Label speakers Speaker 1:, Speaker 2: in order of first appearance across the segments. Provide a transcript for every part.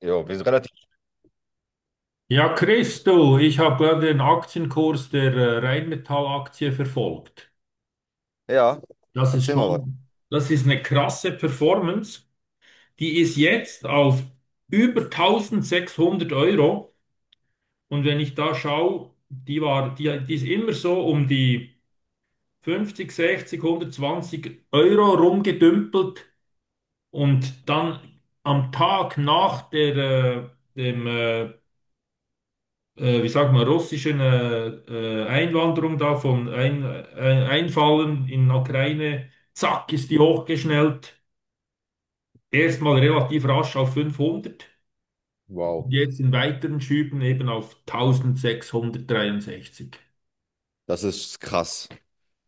Speaker 1: Jo, wir sind relativ.
Speaker 2: Ja, Christo, ich habe gerade den Aktienkurs der Rheinmetall-Aktie verfolgt.
Speaker 1: Ja,
Speaker 2: Das ist
Speaker 1: erzähl mal was.
Speaker 2: schon, das ist eine krasse Performance. Die ist jetzt auf über 1600 Euro. Und wenn ich da schaue, die war, die ist immer so um die 50, 60, 120 Euro rumgedümpelt. Und dann am Tag nach der, dem wie sagt man, russischen Einwanderung da von Einfallen in der Ukraine, zack, ist die hochgeschnellt. Erstmal relativ rasch auf 500 und
Speaker 1: Wow,
Speaker 2: jetzt in weiteren Schüben eben auf 1663.
Speaker 1: das ist krass.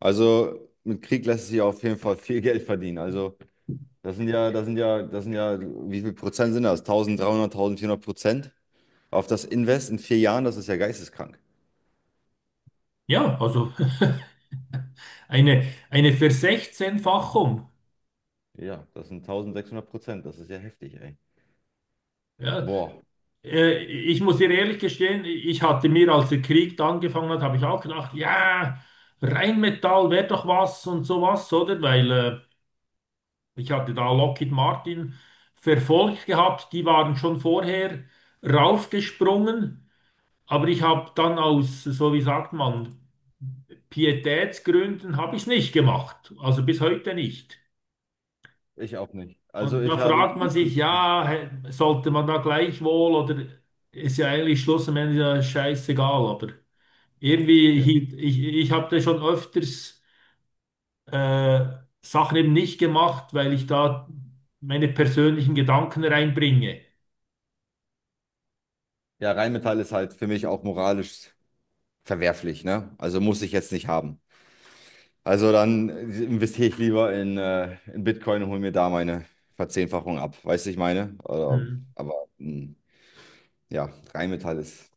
Speaker 1: Also mit Krieg lässt sich auf jeden Fall viel Geld verdienen. Also das sind ja, das sind ja, das sind ja, wie viel Prozent sind das? 1300, 1400% auf das Invest in 4 Jahren, das ist ja geisteskrank.
Speaker 2: Ja, also eine Versechzehnfachung.
Speaker 1: Ja, das sind 1600%, das ist ja heftig, ey.
Speaker 2: Ja,
Speaker 1: Boah,
Speaker 2: ich muss dir ehrlich gestehen, ich hatte mir, als der Krieg da angefangen hat, habe ich auch gedacht, ja, Rheinmetall wäre doch was und sowas, oder? Weil ich hatte da Lockheed Martin verfolgt gehabt, die waren schon vorher raufgesprungen, aber ich habe dann aus, so wie sagt man, Pietätsgründen habe ich es nicht gemacht, also bis heute nicht.
Speaker 1: ich auch nicht. Also
Speaker 2: Und da
Speaker 1: ich habe
Speaker 2: fragt man
Speaker 1: nie,
Speaker 2: sich, ja, sollte man da gleichwohl oder ist ja eigentlich Schluss am Ende ja scheißegal, aber irgendwie
Speaker 1: ja,
Speaker 2: hielt ich, ich habe da schon öfters äh, Sachen eben nicht gemacht, weil ich da meine persönlichen Gedanken reinbringe.
Speaker 1: ja, Rheinmetall ist halt für mich auch moralisch verwerflich, ne? Also muss ich jetzt nicht haben. Also dann investiere ich lieber in Bitcoin und hole mir da meine Verzehnfachung ab. Weißt du, ich meine? Oder,
Speaker 2: Mhm.
Speaker 1: aber ja, Rheinmetall ist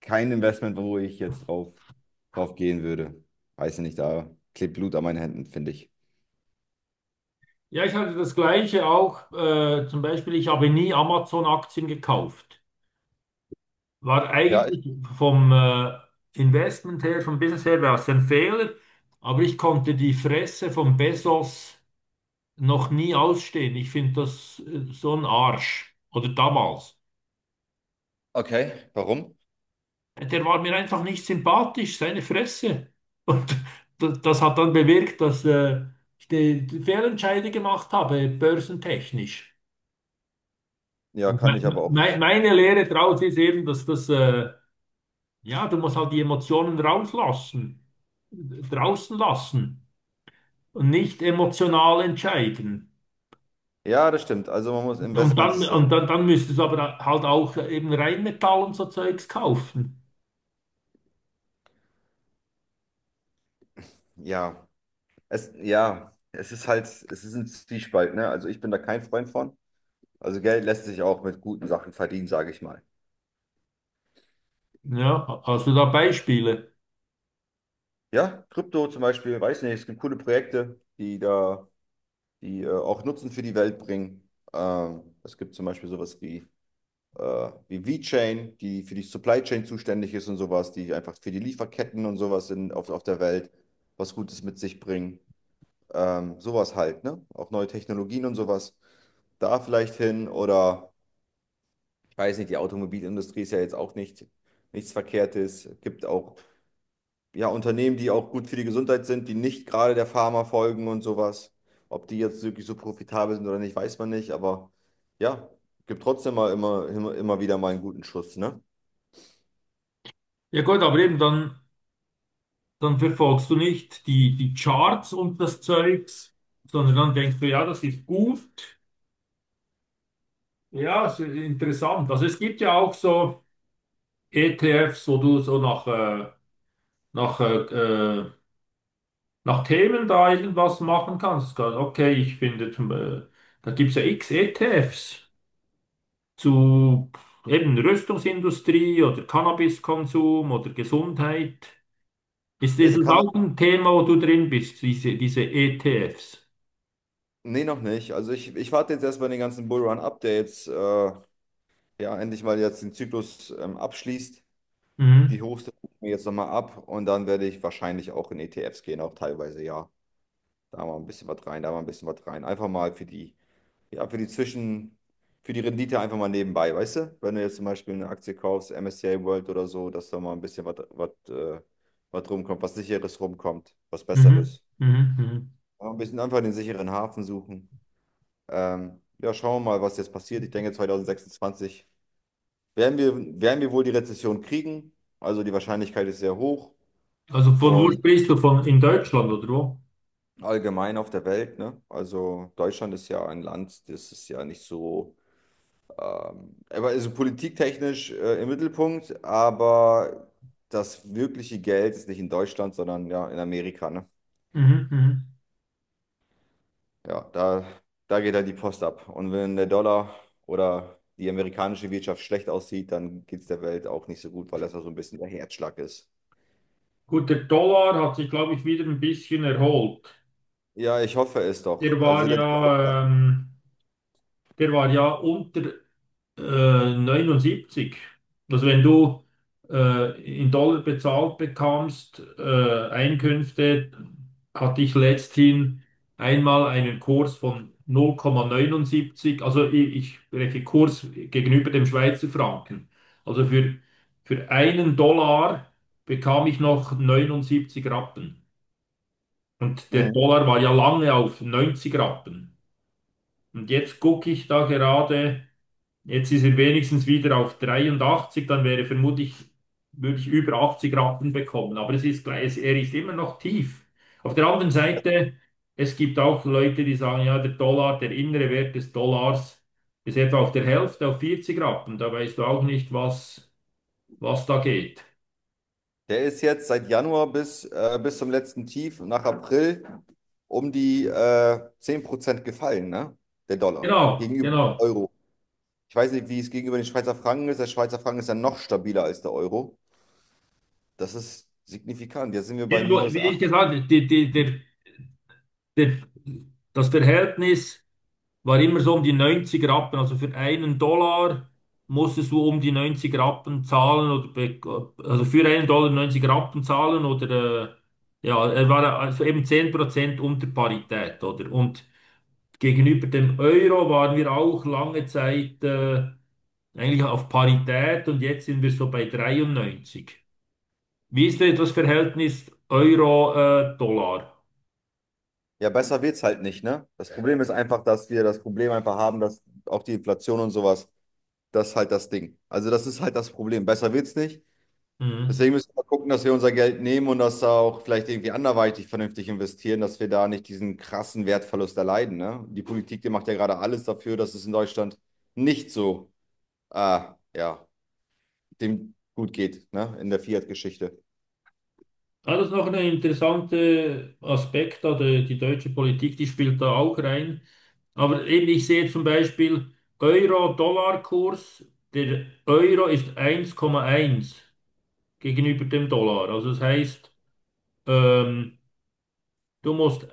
Speaker 1: kein Investment, wo ich jetzt drauf gehen würde. Weiß ich nicht, da klebt Blut an meinen Händen, finde ich.
Speaker 2: Ja, ich hatte das Gleiche auch. Zum Beispiel, ich habe nie Amazon-Aktien gekauft. War
Speaker 1: Ja, ich,
Speaker 2: eigentlich vom Investment her, vom Business her, war es ein Fehler. Aber ich konnte die Fresse von Bezos noch nie ausstehen. Ich finde das so ein Arsch. Oder damals.
Speaker 1: okay. Warum?
Speaker 2: Der war mir einfach nicht sympathisch, seine Fresse. Und das hat dann bewirkt, dass ich die Fehlentscheide gemacht habe, börsentechnisch.
Speaker 1: Ja,
Speaker 2: Und
Speaker 1: kann
Speaker 2: me
Speaker 1: ich aber auch.
Speaker 2: me meine Lehre daraus ist eben, dass ja, du musst halt die Emotionen rauslassen, draußen lassen und nicht emotional entscheiden.
Speaker 1: Ja, das stimmt. Also man muss Investments ist das.
Speaker 2: Dann müsstest du aber halt auch eben Rheinmetall und so Zeugs kaufen.
Speaker 1: Ja, ja, es ist halt, es ist ein Zwiespalt, ne? Also ich bin da kein Freund von. Also Geld lässt sich auch mit guten Sachen verdienen, sage ich mal.
Speaker 2: Ja, hast du da Beispiele?
Speaker 1: Ja, Krypto zum Beispiel, weiß nicht, es gibt coole Projekte, die da, die auch Nutzen für die Welt bringen. Es gibt zum Beispiel sowas wie V-Chain, die für die Supply Chain zuständig ist und sowas, die einfach für die Lieferketten und sowas in, auf der Welt was Gutes mit sich bringen. Sowas halt, ne? Auch neue Technologien und sowas. Da vielleicht hin oder ich weiß nicht, die Automobilindustrie ist ja jetzt auch nicht nichts Verkehrtes. Es gibt auch ja, Unternehmen, die auch gut für die Gesundheit sind, die nicht gerade der Pharma folgen und sowas. Ob die jetzt wirklich so profitabel sind oder nicht, weiß man nicht, aber ja, gibt trotzdem mal immer, immer, immer wieder mal einen guten Schuss, ne?
Speaker 2: Ja gut, aber eben dann, dann verfolgst du nicht die Charts und das Zeugs, sondern dann denkst du, ja, das ist gut, ja, es ist interessant. Also es gibt ja auch so ETFs, wo du so nach, äh, äh, nach Themen da irgendwas machen kannst. Okay, ich finde, da gibt es ja x ETFs zu eben Rüstungsindustrie oder Cannabiskonsum oder Gesundheit. Ist
Speaker 1: Ja, die
Speaker 2: dieses
Speaker 1: kann.
Speaker 2: auch ein Thema, wo du drin bist, diese ETFs?
Speaker 1: Nee, noch nicht. Also ich warte jetzt erstmal den ganzen Bullrun ab, der jetzt ja endlich mal jetzt den Zyklus abschließt. Die
Speaker 2: Mhm,
Speaker 1: Hochste gucke ich mir jetzt nochmal ab und dann werde ich wahrscheinlich auch in ETFs gehen, auch teilweise, ja. Da mal ein bisschen was rein, da mal ein bisschen was rein. Einfach mal für die, ja, für die Zwischen, für die Rendite einfach mal nebenbei, weißt du? Wenn du jetzt zum Beispiel eine Aktie kaufst, MSCI World oder so, dass da mal ein bisschen was rumkommt, was Sicheres rumkommt, was
Speaker 2: mhm,
Speaker 1: Besseres.
Speaker 2: mhm, mhm.
Speaker 1: Aber ein bisschen einfach den sicheren Hafen suchen. Ja, schauen wir mal, was jetzt passiert. Ich denke, 2026 werden wir, werden wir wohl die Rezession kriegen. Also die Wahrscheinlichkeit ist sehr hoch
Speaker 2: Also von wo
Speaker 1: und
Speaker 2: sprichst du? Von in Deutschland oder wo?
Speaker 1: allgemein auf der Welt, ne? Also Deutschland ist ja ein Land, das ist ja nicht so. Er war also politiktechnisch im Mittelpunkt, aber das wirkliche Geld ist nicht in Deutschland, sondern ja in Amerika, ne?
Speaker 2: Mhm, mhm.
Speaker 1: Ja, da geht halt die Post ab. Und wenn der Dollar oder die amerikanische Wirtschaft schlecht aussieht, dann geht es der Welt auch nicht so gut, weil das ja so ein bisschen der Herzschlag ist.
Speaker 2: Gut, der Dollar hat sich, glaube ich, wieder ein bisschen erholt.
Speaker 1: Ja, ich hoffe es doch.
Speaker 2: Der
Speaker 1: Also
Speaker 2: war
Speaker 1: der Dollar.
Speaker 2: ja, ähm, der war ja unter 79. Also wenn du in Dollar bezahlt bekommst, Einkünfte, hatte ich letzthin einmal einen Kurs von 0,79. Also ich spreche Kurs gegenüber dem Schweizer Franken. Also für einen Dollar bekam ich noch 79 Rappen. Und der
Speaker 1: Mhm.
Speaker 2: Dollar war ja lange auf 90 Rappen. Und jetzt gucke ich da gerade, jetzt ist er wenigstens wieder auf 83, dann wäre vermutlich, würde ich über 80 Rappen bekommen. Aber es ist gleich, er ist immer noch tief. Auf der anderen Seite, es gibt auch Leute, die sagen, ja, der Dollar, der innere Wert des Dollars ist etwa auf der Hälfte, auf 40 Rappen. Da weißt du auch nicht, was, was da geht.
Speaker 1: Der ist jetzt seit Januar bis zum letzten Tief nach April um die 10% gefallen, ne? Der Dollar
Speaker 2: Genau,
Speaker 1: gegenüber dem
Speaker 2: genau.
Speaker 1: Euro. Ich weiß nicht, wie es gegenüber den Schweizer Franken ist. Der Schweizer Franken ist ja noch stabiler als der Euro. Das ist signifikant. Jetzt sind wir bei
Speaker 2: Irgendwo,
Speaker 1: minus
Speaker 2: wie ich
Speaker 1: acht.
Speaker 2: gesagt habe, der, das Verhältnis. War immer so um die 90 Rappen. Also für einen Dollar musstest du um die 90 Rappen zahlen oder also für einen Dollar 90 Rappen zahlen oder äh, ja, er war also eben 10% unter Parität, oder? Und gegenüber dem Euro waren wir auch lange Zeit eigentlich auf Parität und jetzt sind wir so bei 93. Wie ist denn das Verhältnis Euro-Dollar?
Speaker 1: Ja, besser wird es halt nicht, ne? Das Problem ist einfach, dass wir das Problem einfach haben, dass auch die Inflation und sowas, das ist halt das Ding. Also das ist halt das Problem. Besser wird es nicht. Deswegen müssen wir gucken, dass wir unser Geld nehmen und das auch vielleicht irgendwie anderweitig vernünftig investieren, dass wir da nicht diesen krassen Wertverlust erleiden, ne? Die Politik, die macht ja gerade alles dafür, dass es in Deutschland nicht so, äh, ja, dem gut geht, ne? In der Fiat-Geschichte.
Speaker 2: Ja, das ist noch ein interessanter Aspekt, da die deutsche Politik, die spielt da auch rein. Aber eben, ich sehe zum Beispiel Euro-Dollar-Kurs, der Euro ist 1,1 gegenüber dem Dollar. Also das heißt, ähm, du musst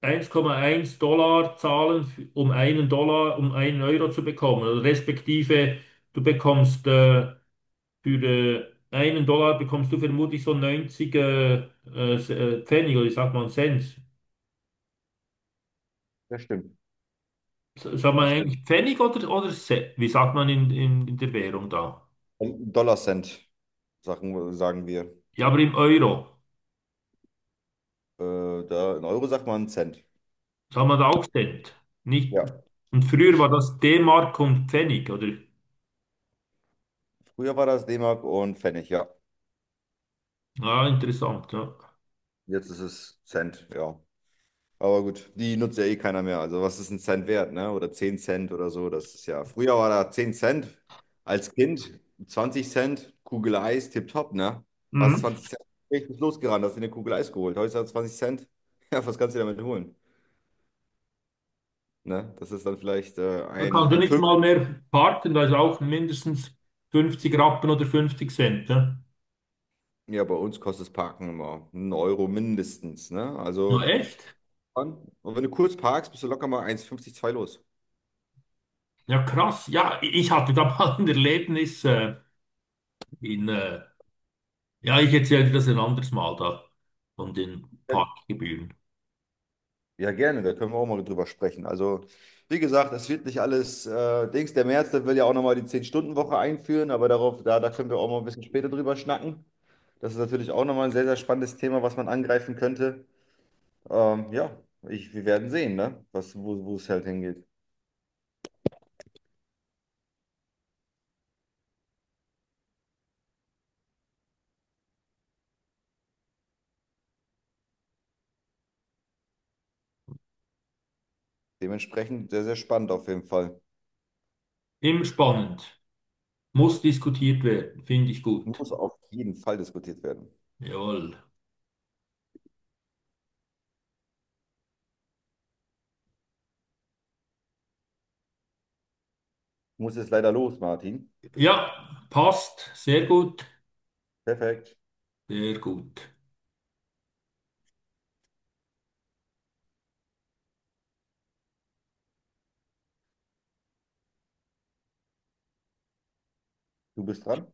Speaker 2: 1,1 Dollar zahlen, um einen Dollar, um einen Euro zu bekommen. Also respektive, du bekommst für einen Dollar bekommst du vermutlich so 90 Pfennig oder ich sag mal Cent.
Speaker 1: Das stimmt,
Speaker 2: Sagt man
Speaker 1: das stimmt.
Speaker 2: eigentlich Pfennig oder, wie sagt man in der Währung da?
Speaker 1: Und Dollar-Cent, sagen wir.
Speaker 2: Ja, aber im Euro
Speaker 1: Da in Euro sagt man Cent.
Speaker 2: sagt man da auch Cent. Nicht,
Speaker 1: Ja.
Speaker 2: und früher war das D-Mark und Pfennig, oder?
Speaker 1: Früher war das D-Mark und Pfennig, ja.
Speaker 2: Ja, interessant, ja.
Speaker 1: Jetzt ist es Cent, ja. Aber gut, die nutzt ja eh keiner mehr. Also was ist ein Cent wert, ne? Oder 10 Cent oder so. Das ist ja. Früher war da 10 Cent als Kind, 20 Cent, Kugel Eis, tipptopp, ne? Was
Speaker 2: Mhm.
Speaker 1: 20 Cent, ich bin losgerannt, hast dir eine Kugel Eis geholt. Heute hat 20 Cent. Ja, was kannst du damit holen? Ne? Das ist dann vielleicht
Speaker 2: Da
Speaker 1: ein,
Speaker 2: kannst du
Speaker 1: ein
Speaker 2: nicht mal
Speaker 1: Fünftel.
Speaker 2: mehr parken, da ist auch mindestens 50 Rappen oder 50 Cent, ne?
Speaker 1: Ja, bei uns kostet das Parken immer einen Euro mindestens. Ne?
Speaker 2: Ja,
Speaker 1: Also,
Speaker 2: echt?
Speaker 1: und wenn du kurz parkst, bist du locker mal eins Komma fünfzig zwei los.
Speaker 2: Ja, krass. Ja, ich hatte da mal ein Erlebnis in, äh, ja, ich erzähle dir das ein anderes Mal da, von den Parkgebühren.
Speaker 1: Ja, gerne, da können wir auch mal drüber sprechen. Also, wie gesagt, es wird nicht alles Dings. Der Merz, der will ja auch nochmal die 10-Stunden-Woche einführen, aber darauf, da können wir auch mal ein bisschen später drüber schnacken. Das ist natürlich auch nochmal ein sehr, sehr spannendes Thema, was man angreifen könnte. Ja, ich, wir werden sehen, ne? Was, wo es halt hingeht. Dementsprechend sehr, sehr spannend auf jeden Fall.
Speaker 2: Immer spannend. Muss diskutiert werden, finde ich gut.
Speaker 1: Muss auf jeden Fall diskutiert werden.
Speaker 2: Jawohl.
Speaker 1: Ich muss jetzt leider los, Martin.
Speaker 2: Ja, passt. Sehr gut.
Speaker 1: Perfekt.
Speaker 2: Sehr gut.
Speaker 1: Du bist dran.